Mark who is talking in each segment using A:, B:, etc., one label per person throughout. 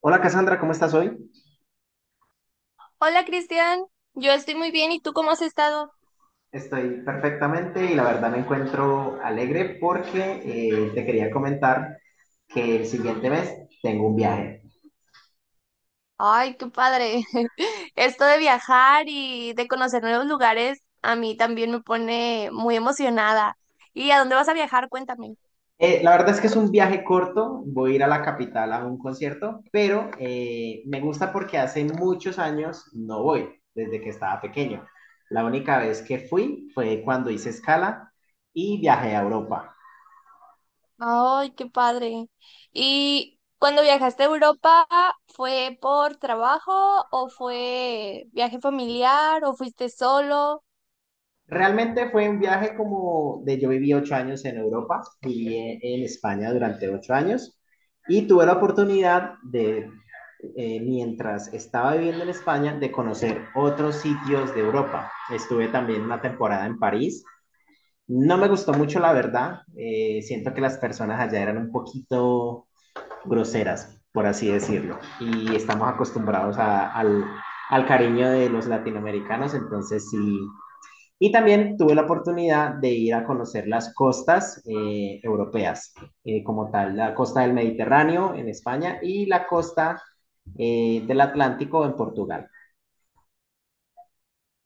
A: Hola Cassandra, ¿cómo estás hoy?
B: Hola Cristian, yo estoy muy bien, ¿y tú cómo has estado?
A: Estoy perfectamente y la verdad me encuentro alegre porque te quería comentar que el siguiente mes tengo un viaje.
B: Ay, qué padre. Esto de viajar y de conocer nuevos lugares a mí también me pone muy emocionada. ¿Y a dónde vas a viajar? Cuéntame.
A: La verdad es que es un viaje corto, voy a ir a la capital a un concierto, pero me gusta porque hace muchos años no voy, desde que estaba pequeño. La única vez que fui fue cuando hice escala y viajé a Europa.
B: Ay, qué padre. ¿Y cuando viajaste a Europa, fue por trabajo o fue viaje familiar o fuiste solo?
A: Realmente fue un viaje como de yo viví 8 años en Europa, viví en España durante 8 años y tuve la oportunidad de, mientras estaba viviendo en España, de conocer otros sitios de Europa. Estuve también una temporada en París. No me gustó mucho, la verdad. Siento que las personas allá eran un poquito groseras, por así decirlo, y estamos acostumbrados al, al cariño de los latinoamericanos, entonces sí y también tuve la oportunidad de ir a conocer las costas europeas, como tal, la costa del Mediterráneo en España y la costa del Atlántico en Portugal.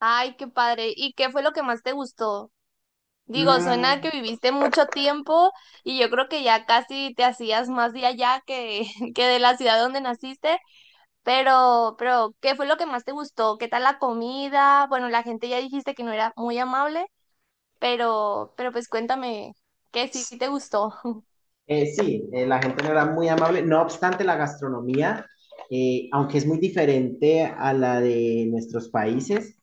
B: Ay, qué padre. ¿Y qué fue lo que más te gustó? Digo, suena
A: Mm,
B: que viviste mucho tiempo y yo creo que ya casi te hacías más de allá que, que de la ciudad donde naciste, pero, ¿qué fue lo que más te gustó? ¿Qué tal la comida? Bueno, la gente ya dijiste que no era muy amable, pero pues cuéntame, ¿qué sí te gustó?
A: sí, la gente no era muy amable, no obstante la gastronomía, aunque es muy diferente a la de nuestros países,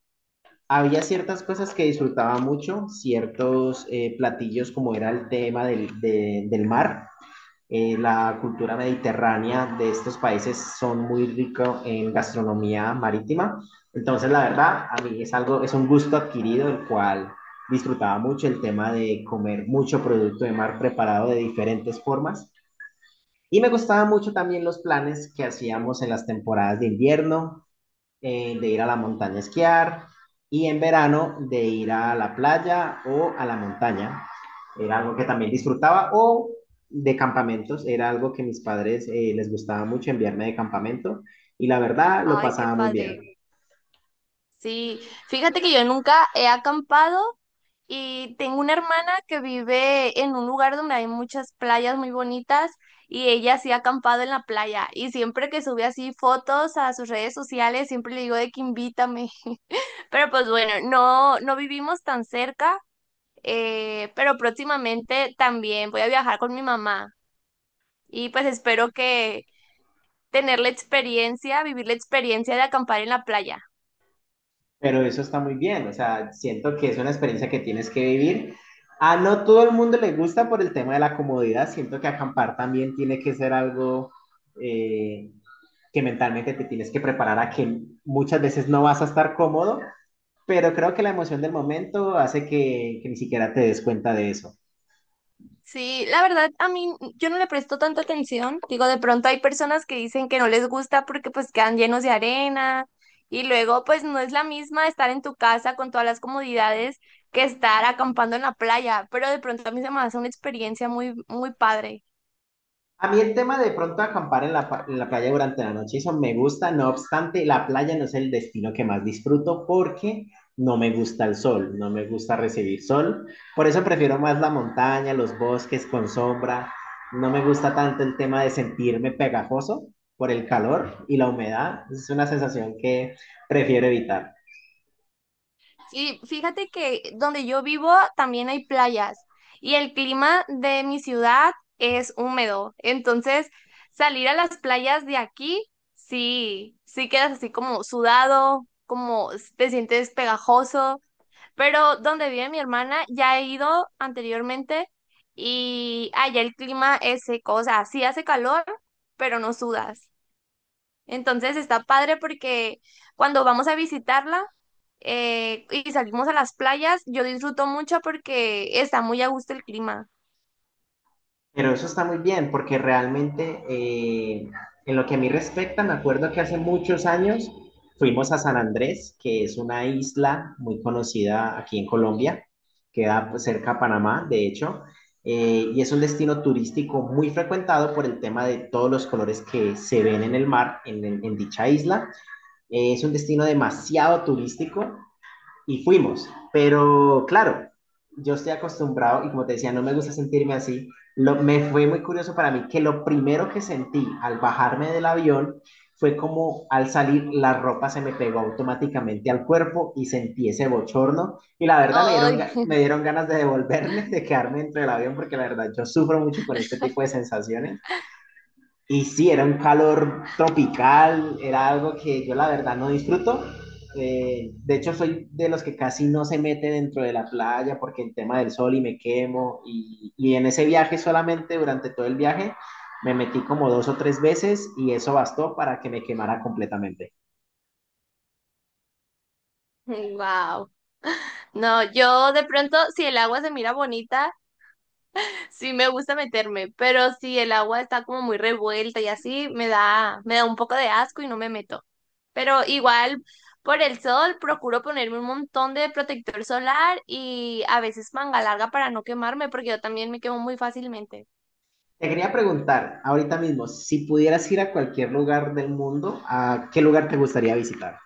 A: había ciertas cosas que disfrutaba mucho, ciertos platillos como era el tema del mar. La cultura mediterránea de estos países son muy ricos en gastronomía marítima. Entonces, la verdad, a mí es algo, es un gusto adquirido, el cual disfrutaba mucho el tema de comer mucho producto de mar preparado de diferentes formas. Y me gustaban mucho también los planes que hacíamos en las temporadas de invierno, de ir a la montaña a esquiar y en verano de ir a la playa o a la montaña. Era algo que también disfrutaba o de campamentos, era algo que mis padres les gustaba mucho enviarme de campamento y la verdad lo
B: Ay, qué
A: pasaba muy bien.
B: padre. Sí, fíjate que yo nunca he acampado. Y tengo una hermana que vive en un lugar donde hay muchas playas muy bonitas y ella sí ha acampado en la playa. Y siempre que sube así fotos a sus redes sociales, siempre le digo de que invítame. Pero pues bueno, no, no vivimos tan cerca, pero próximamente también voy a viajar con mi mamá. Y pues espero que tener la experiencia, vivir la experiencia de acampar en la playa.
A: Pero eso está muy bien, o sea, siento que es una experiencia que tienes que vivir. A no todo el mundo le gusta por el tema de la comodidad, siento que acampar también tiene que ser algo eh, que mentalmente te tienes que preparar a que muchas veces no vas a estar cómodo, pero creo que la emoción del momento hace que ni siquiera te des cuenta de eso.
B: Sí, la verdad, a mí yo no le presto tanta atención. Digo, de pronto hay personas que dicen que no les gusta porque pues quedan llenos de arena y luego pues no es la misma estar en tu casa con todas las comodidades que estar acampando en la playa, pero de pronto a mí se me hace una experiencia muy, muy padre.
A: A mí el tema de pronto acampar en en la playa durante la noche, eso me gusta, no obstante, la playa no es el destino que más disfruto porque no me gusta el sol, no me gusta recibir sol. Por eso prefiero más la montaña, los bosques con sombra. No me gusta tanto el tema de sentirme pegajoso por el calor y la humedad. Es una sensación que prefiero evitar.
B: Sí, fíjate que donde yo vivo también hay playas y el clima de mi ciudad es húmedo. Entonces, salir a las playas de aquí, sí, sí quedas así como sudado, como te sientes pegajoso. Pero donde vive mi hermana, ya he ido anteriormente y allá el clima es seco, o sea, sí hace calor, pero no sudas. Entonces está padre porque cuando vamos a visitarla y salimos a las playas, yo disfruto mucho porque está muy a gusto el clima.
A: Pero eso está muy bien, porque realmente, en lo que a mí respecta, me acuerdo que hace muchos años fuimos a San Andrés, que es una isla muy conocida aquí en Colombia, queda pues, cerca a Panamá, de hecho, y es un destino turístico muy frecuentado por el tema de todos los colores que se ven en el mar, en dicha isla. Es un destino demasiado turístico y fuimos. Pero claro, yo estoy acostumbrado y como te decía, no me gusta sentirme así. Me fue muy curioso para mí que lo primero que sentí al bajarme del avión fue como al salir la ropa se me pegó automáticamente al cuerpo y sentí ese bochorno y la verdad me dieron,
B: Ay,
A: me dieron ganas de devolverme, de quedarme dentro del avión porque la verdad yo sufro mucho con este tipo de sensaciones y sí, era un calor tropical, era algo que yo la verdad no disfruto. De hecho, soy de los que casi no se mete dentro de la playa porque el tema del sol y me quemo. Y en ese viaje solamente, durante todo el viaje, me metí como dos o tres veces y eso bastó para que me quemara completamente.
B: wow. No, yo de pronto, si el agua se mira bonita, sí, me gusta meterme, pero si el agua está como muy revuelta y así, me da un poco de asco y no me meto. Pero igual, por el sol, procuro ponerme un montón de protector solar y a veces manga larga para no quemarme, porque yo también me quemo muy fácilmente.
A: Te quería preguntar ahorita mismo, si pudieras ir a cualquier lugar del mundo, ¿a qué lugar te gustaría visitar?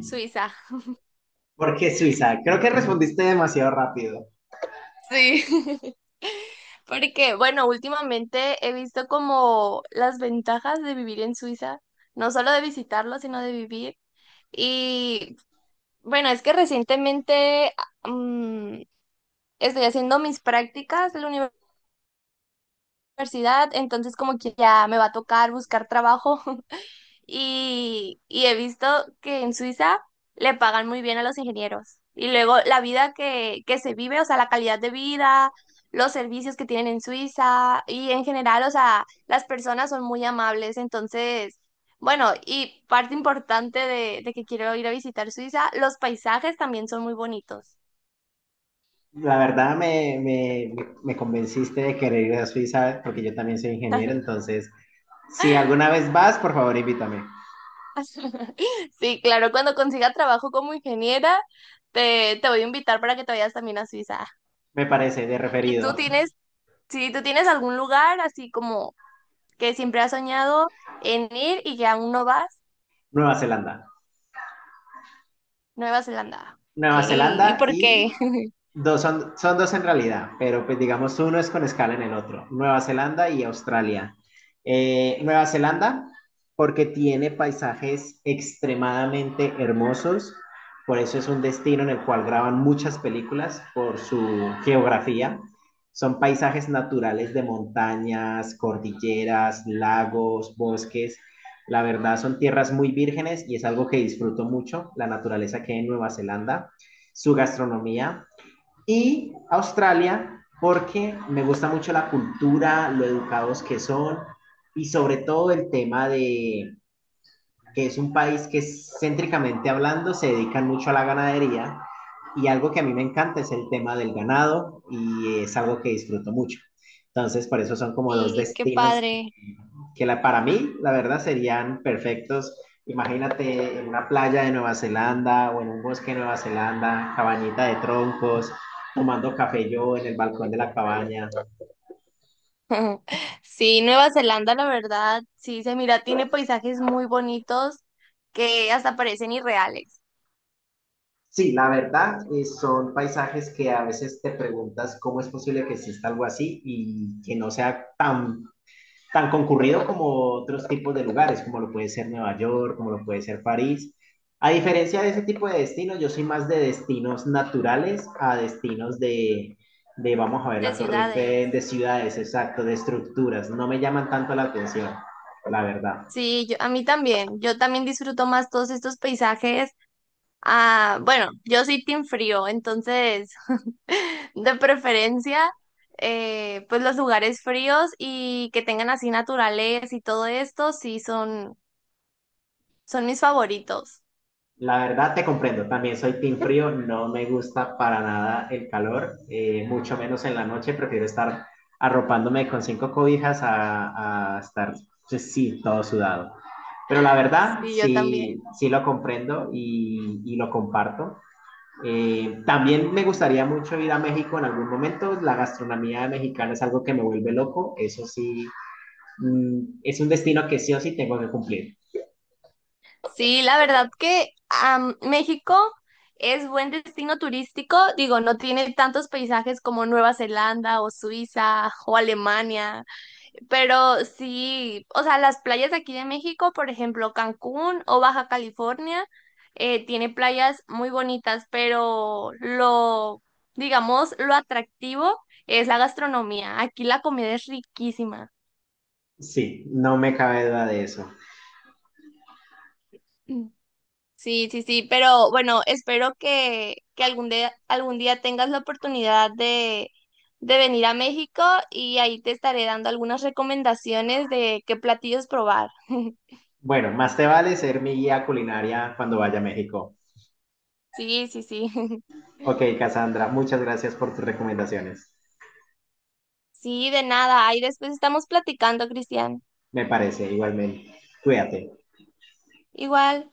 B: Suiza.
A: ¿Por qué Suiza? Creo que respondiste demasiado rápido.
B: Sí. Porque, bueno, últimamente he visto como las ventajas de vivir en Suiza, no solo de visitarlo, sino de vivir. Y bueno, es que recientemente mm, estoy haciendo mis prácticas en la universidad, entonces como que ya me va a tocar buscar trabajo y he visto que en Suiza le pagan muy bien a los ingenieros. Y luego la vida que se vive, o sea, la calidad de vida, los servicios que tienen en Suiza y en general, o sea, las personas son muy amables, entonces... Bueno, y parte importante de que quiero ir a visitar Suiza, los paisajes también son muy bonitos.
A: La verdad me convenciste de querer ir a Suiza porque yo también soy ingeniero, entonces si alguna vez vas, por favor invítame.
B: Sí, claro, cuando consiga trabajo como ingeniera, te voy a invitar para que te vayas también a Suiza.
A: Me parece de
B: ¿Y tú
A: referido.
B: tienes, si tú tienes algún lugar así como que siempre has soñado en ir y que aún no vas?
A: Nueva Zelanda.
B: Nueva Zelanda. Ok,
A: Nueva
B: ¿y
A: Zelanda
B: por
A: y
B: qué?
A: dos son dos en realidad, pero pues digamos uno es con escala en el otro, Nueva Zelanda y Australia. Nueva Zelanda, porque tiene paisajes extremadamente hermosos, por eso es un destino en el cual graban muchas películas por su geografía. Son paisajes naturales de montañas, cordilleras, lagos, bosques. La verdad son tierras muy vírgenes y es algo que disfruto mucho, la naturaleza que hay en Nueva Zelanda, su gastronomía, y Australia porque me gusta mucho la cultura, lo educados que son y sobre todo el tema de, que es un país que céntricamente hablando se dedican mucho a la ganadería y algo que a mí me encanta es el tema del ganado y es algo que disfruto mucho. Entonces, por eso son como dos
B: Sí, qué
A: destinos
B: padre.
A: que la, para mí, la verdad, serían perfectos. Imagínate en una playa de Nueva Zelanda o en un bosque de Nueva Zelanda, cabañita de troncos, tomando café yo en el balcón de la cabaña.
B: Sí, Nueva Zelanda, la verdad, sí se mira, tiene paisajes muy bonitos que hasta parecen irreales,
A: Sí, la verdad, son paisajes que a veces te preguntas cómo es posible que exista algo así y que no sea tan concurrido como otros tipos de lugares, como lo puede ser Nueva York, como lo puede ser París. A diferencia de ese tipo de destinos, yo soy más de destinos naturales a destinos de vamos a ver,
B: de
A: la Torre
B: ciudades.
A: Eiffel, de ciudades, exacto, de estructuras. No me llaman tanto la atención, la verdad.
B: Sí, yo, a mí también, yo también disfruto más todos estos paisajes. Ah, bueno, yo soy team frío, entonces de preferencia, pues los lugares fríos y que tengan así naturaleza y todo esto, sí son, son mis favoritos.
A: La verdad te comprendo, también soy team frío, no me gusta para nada el calor, mucho menos en la noche, prefiero estar arropándome con cinco cobijas a estar, pues, sí, todo sudado. Pero la verdad,
B: Sí, yo
A: sí,
B: también.
A: sí lo comprendo y lo comparto. También me gustaría mucho ir a México en algún momento. La gastronomía mexicana es algo que me vuelve loco. Eso sí, es un destino que sí o sí tengo que cumplir.
B: Sí, la verdad que México es buen destino turístico, digo, no tiene tantos paisajes como Nueva Zelanda o Suiza o Alemania, pero sí, o sea, las playas de aquí de México, por ejemplo, Cancún o Baja California, tiene playas muy bonitas, pero lo, digamos, lo atractivo es la gastronomía. Aquí la comida es riquísima.
A: Sí, no me cabe duda de eso.
B: Mm. Sí, sí, sí, pero bueno, espero que algún día tengas la oportunidad de venir a México y ahí te estaré dando algunas recomendaciones de qué platillos probar.
A: Bueno, más te vale ser mi guía culinaria cuando vaya a México.
B: Sí, sí, sí.
A: Ok, Cassandra, muchas gracias por tus recomendaciones.
B: Sí, de nada. Ahí después estamos platicando, Cristian.
A: Me parece, igualmente. Cuídate.
B: Igual.